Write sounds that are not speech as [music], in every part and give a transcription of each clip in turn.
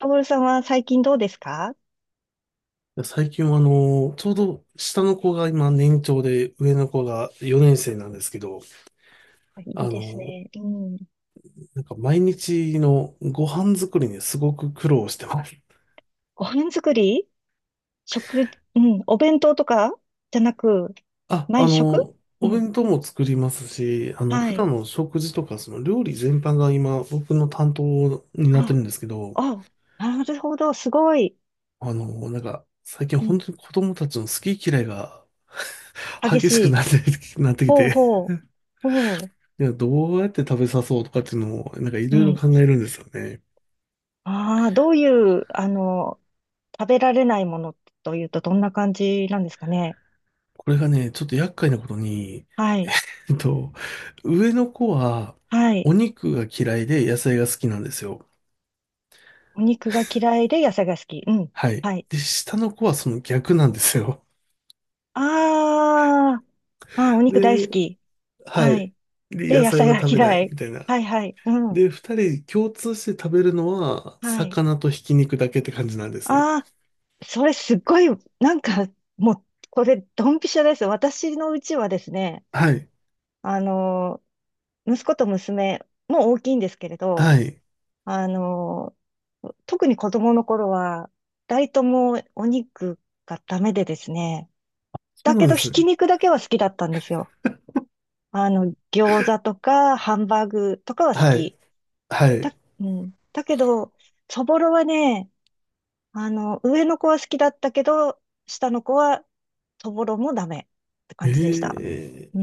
トールさんは最近どうですか？最近はちょうど下の子が今年長で上の子が4年生なんですけど、いあいですの、ね。うん。毎日のご飯作りにすごく苦労してます。ご飯作り？食、うん。お弁当とかじゃなく、あ、毎あ食？の、うおん。弁当も作りますし、は普い。段の食事とかその料理全般が今僕の担当になってあ、るんですけど、あ、なるほど。すごい。最近う本ん。当に子供たちの好き嫌いが激激ししくない。って、なってきほうて、ほう。ほう。どうやって食べさそうとかっていうのをいうろいろん。考えるんですよね。ああ、どういう、食べられないものというとどんな感じなんですかね。これがね、ちょっと厄介なことに、はい。えっと、上の子ははい。お肉が嫌いで野菜が好きなんですよ。お肉が嫌いで野菜が好き。うん。はい。はい。で、下の子はその逆なんですよ。ああ、お肉大好で、き。ははい。い。で、で、野野菜菜はが食べな嫌いい。みたいな。はいはい。うん。で、二人共通して食べるのははい。魚とひき肉だけって感じなんですね。ああ、それすっごい、なんか、もう、これ、ドンピシャです。私のうちはですね、はい。あの、息子と娘、もう大きいんですけれど、はい。あの、特に子供の頃は、二人ともお肉がダメでですね、そだうけなんでど、ひすきね。肉だけは好きだったんですよ。餃子とか、ハンバーグとかは好はい。き。はい。うん。だけど、そぼろはね、上の子は好きだったけど、下の子は、そぼろもダメって感じでした。うーええ。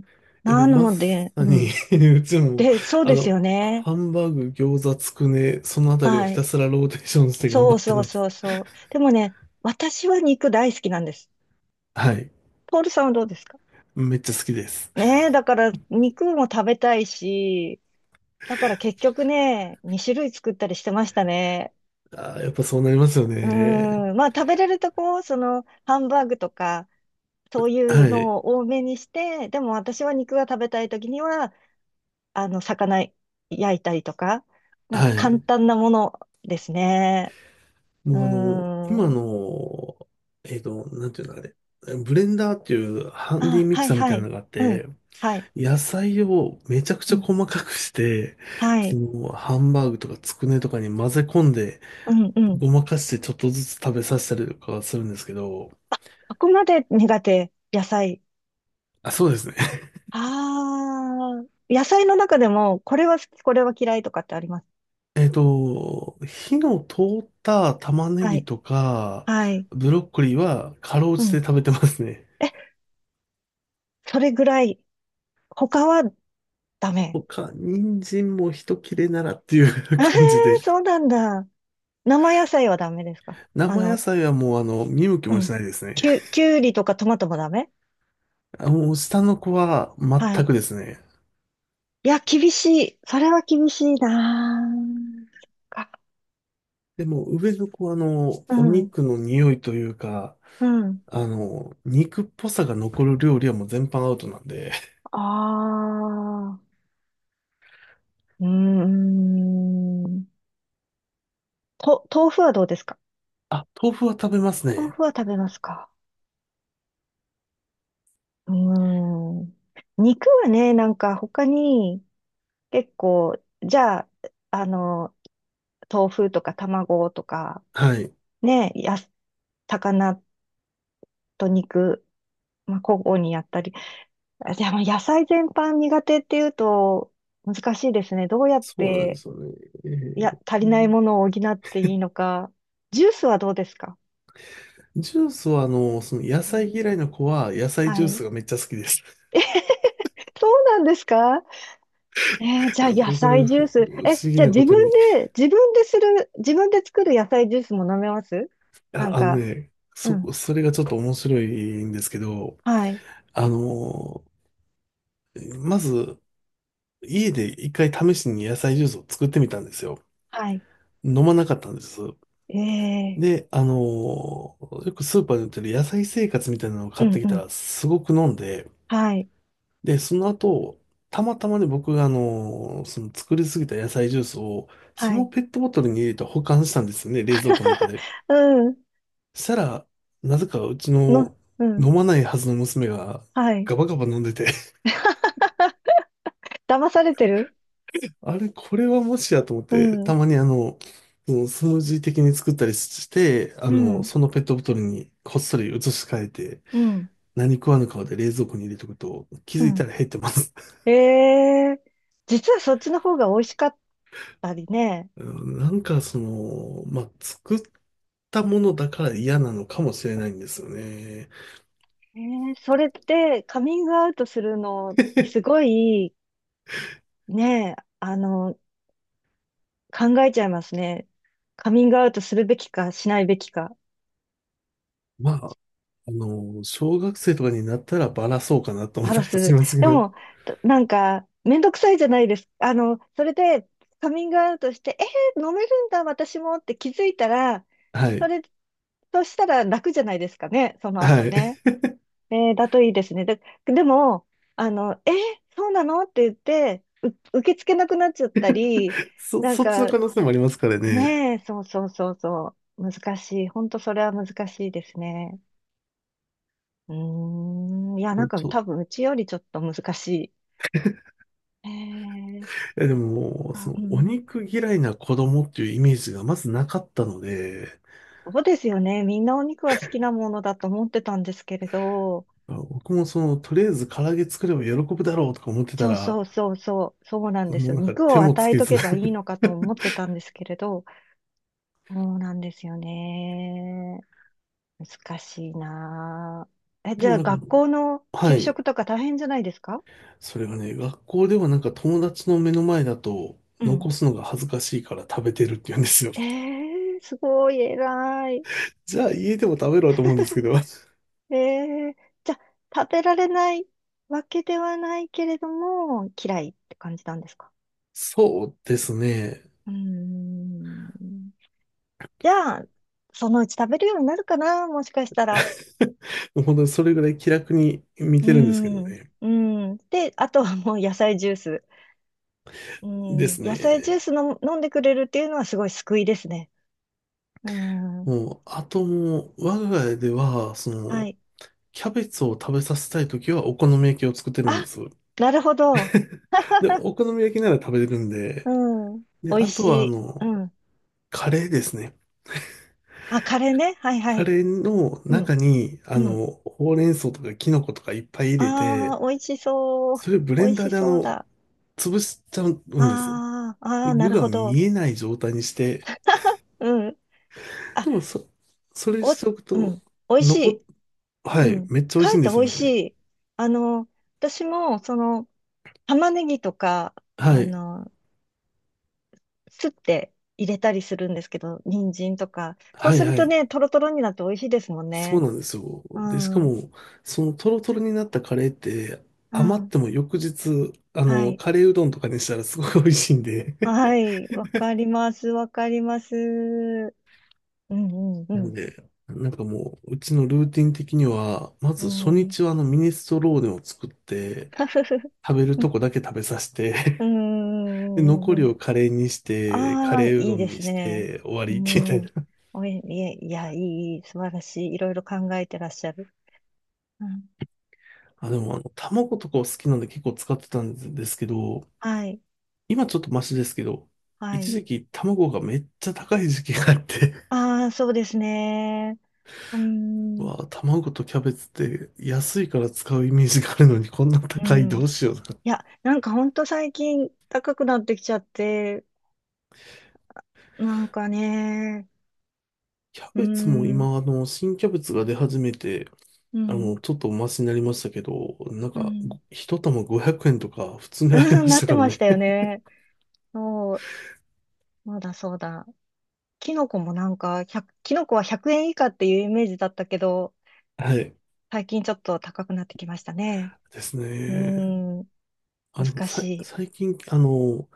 ん。でなもまのさで、うに ん。[laughs] うちも、で、そうですよね。ハンバーグ、餃子、つくね、そのあたりをはひい。たすらローテーションして頑そ張うってそうまそす。うそう。でもね、私は肉大好きなんです。はい。ポールさんはどうですか？めっちゃ好きです。ねえ、だから肉も食べたいし、だから結局ね、2種類作ったりしてましたね。あー、やっぱそうなりますようね。ーん。まあ食べれるとこ、その、ハンバーグとか、そういうはい。のを多めにして、でも私は肉が食べたい時には、魚焼いたりとか、なんはか簡い。単なものですね。うもうあの、ー今ん。の、えっと、なんていうのあれ。ブレンダーっていうハンディあ、ミはキいサーみはたいない。のがあっうん。て、はい。野菜をめちゃくうちゃん。細かくして、はそい。のハンバーグとかつくねとかに混ぜ込んで、うん、うん。ごまかしてちょっとずつ食べさせたりとかはするんですけど、そこまで苦手、野菜？あ、そうですね。[laughs] ああ、野菜の中でも、これは好き、これは嫌いとかってあります？火の通った玉ねはぎい。とか、はい。ブロッコリーはかろううじてん。食べてますね。え、それぐらい。他はダメ。他、人参も一切れならってい [laughs] う [laughs] え感じで。ー、そうなんだ。生野菜はダメですか？あ生野の、菜はもう見向きうもしん。ないですね。きゅうりとかトマトもダメ？あ、もう下の子はは全い。くですね。いや、厳しい。それは厳しいなぁ。そっか。でも上の子はうおん。肉の匂いというか、うん。肉っぽさが残る料理はもう全般アウトなんで。ああ。うーん。と、豆腐はどうですか？あ、豆腐は食べます豆ね。腐は食べますか？うーん。肉はね、なんか他に結構、じゃあ、あの、豆腐とか卵とか、はい。ね、魚と肉まあ、交互にやったり。あでも野菜全般苦手っていうと難しいですね。どうやっそうなんでて、すよね。えいや、ー足うりないんものを補っていいのか。ジュースはどうですか？ジュースは、その野う菜ん。嫌いの子は野菜はジューい。スがめっちゃ好きです。そうなんですか？えーじ [laughs] ゃいあや野もうこれ、菜ジュース。不え、思議じゃあなこ自と分に。で、自分でする、自分で作る野菜ジュースも飲めます？なんか、うん。それがちょっと面白いんですけど、はい。あの、まず、家で一回試しに野菜ジュースを作ってみたんですよ。はい。飲まなかったんです。ええで、よくスーパーで売ってる野菜生活みたいなのをー買うっんてきうたん。ら、すごく飲んで、はい。で、その後、たまたまね、僕がその作りすぎた野菜ジュースを、そはのい。ペットボトルに入れて保管したんですよね、冷蔵庫の中で。うん。したら、なぜかうちの、のうん。飲まないはずの娘がはい。ガバガバ飲んでて。 [laughs] [laughs] 騙されてる？あれ、これはもしやと思っうて、ん、たまにそのスムージー的に作ったりして、うん、そのペットボトルにこっそり移し替えて、うん。何食わぬ顔で冷蔵庫に入れとくと、気うづいたん。ら減ってます。ええ。実はそっちの方が美味しかったりね。うんなんかその、まあ、作ったものだから嫌なのかもしれないんですよね。ええ、それってカミングアウトするの、す [laughs] ごい、ね、考えちゃいますね。カミングアウトするべきか、しないべきか、まあ、小学生とかになったらバラそうかなと思った話りしす。ますでけど。も、[laughs] となんか、めんどくさいじゃないですか。それで、カミングアウトして、ええ飲めるんだ、私もって気づいたら、はそい。れ、そうしたら楽じゃないですかね、その後はい。ね。[laughs] えー、だといいですね。で、でも、あの、えーそうなのって言って、受け付けなくなっちゃったり、なんそっちのか、可能性もありますからね。ねえ、そうそうそうそう、難しい。本当それは難しいですね。うーん、いや、なんかちょ、多分うちよりちょっと難しい。えー、いやでも、そあ、うの、おん、肉嫌いな子供っていうイメージがまずなかったので、そうですよね。みんなお肉は好きなものだと思ってたんですけれど、僕もその、とりあえず唐揚げ作れば喜ぶだろうとか思ってたそうら、そうそうそう、そうなんですもうよ。なんか肉手をもつ与えけとず。けばいいのかと思ってたんですけれど、そうなんですよね。難しいなあ。え、[laughs] でじゃもあなん学か、校のは給い。食とか大変じゃないですか？それがね、学校では友達の目の前だとうん。残すのが恥ずかしいから食べてるって言うんですよ。え [laughs] ー、すごい偉い。じゃあ家でも食べろと思うんですけど。[laughs] えー、じゃあ食べられないわけではないけれども、嫌いって感じなんですか？そうですね。うーん。じゃあ、そのうち食べるようになるかなもしかしたら。[laughs] もう本当にそれぐらい気楽に見うてるんですけーどん。ね。うーん。で、あとはもう野菜ジュース。うでん、す野菜ジュね。ースの飲んでくれるっていうのはすごい救いですね。うん、もう、あともう、我が家では、そはの、い。キャベツを食べさせたいときはお好み焼きを作ってるんであ、す。なるほど。で、[laughs] お好み焼きなら食べれるんで、うん、美で、味あしとはい。うん。カレーですね。あ、カレーね。はいはカい。レーのう中ん、に、うん。ほうれん草とかキノコとかいっぱい入れあて、あ、美味しそう。それをブレ美ン味ダーしでそうだ。潰しちゃうんですね。ああ、あであ、な具るがほど。見えない状態にして、うん。あ、でもそ、それお、しておくうと、ん。美味し残っ、い。はうい、ん。めっちゃ美か味しえいっんてで美すよ味ね、あしれ。い。あの、私も、その、玉ねぎとか、はあい、の、すって入れたりするんですけど、人参とか。そうはすい、るはとい。ね、トロトロになって美味しいですもんそうね。なんですよ。うで、しかん。も、そのトロトロになったカレーって、う余っん。ても翌日、はい。カレーうどんとかにしたらすごい美味しいんで。は [laughs] い。わかります。わかります。うんうんなんうで、なんかもう、うちのルーティン的には、まず初ん。うん。日はあのミネストローネを作って、[laughs] 食べるうんとこだけ食べさせて。 う [laughs] で、んうん残うりん。をカレーにして、カああ、いレーういどでんにすしね。て、終わうりみたいん。な。いや、いや、いい、いい素晴らしい。いろいろ考えてらっしゃる。うん。[laughs] あ、でも卵とかを好きなんで結構使ってたんですけど、はい。今ちょっとマシですけど、は一い。時期卵がめっちゃ高い時期があって。 ああ、そうですね。う [laughs] うん。わあ、卵とキャベツって安いから使うイメージがあるのにこんなう高いん。どいうしよう。や、なんかほんと最近高くなってきちゃって、なんかね、キャうーベツもん、今新キャベツが出始めて、うん、ちょっとお待ちになりましたけど、なんうか、ん、ご一玉500円とか普通 [laughs] にありうまん、なしったてからましね。たよね。そう、そうだそうだ。キノコもなんか、1キノコは100円以下っていうイメージだったけど、[laughs] はい。最近ちょっと高くなってきましたね。ですうーね。ん、あ、でも難しさ、い。最近、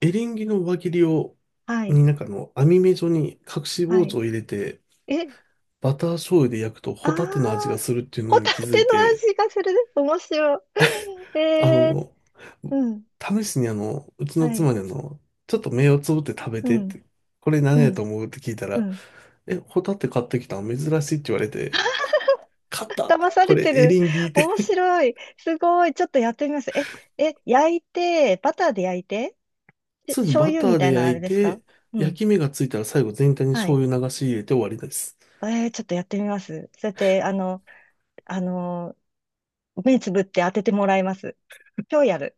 エリンギの輪切りを、はい、なんか網目状に隠しは包丁い。を入れて、え、バター醤油で焼くとあー、ホタテの味が [laughs] するっていうホのにタ気づテいのて、味がするね。面白い。[laughs] あえの、ー、うん、試しにうちのはい、妻にちょっと目をつぶって食べうてっん、て、これ何うやとん。思うって聞いたうら、ん、え、ホタテ買ってきたの珍しいって言われて、勝った。騙さこれれ、てエる。リンギで。面白い。すごい。ちょっとやってみます。え、焼いて、バターで焼いて、でそうですね、醤バ油タみーたいでな焼あれいですか？て、う焼ん。き目がついたら最後全体には醤い。油流し入れて終わりです。えー、ちょっとやってみます。そうやって、あの、目つぶって当ててもらいます。今日やる。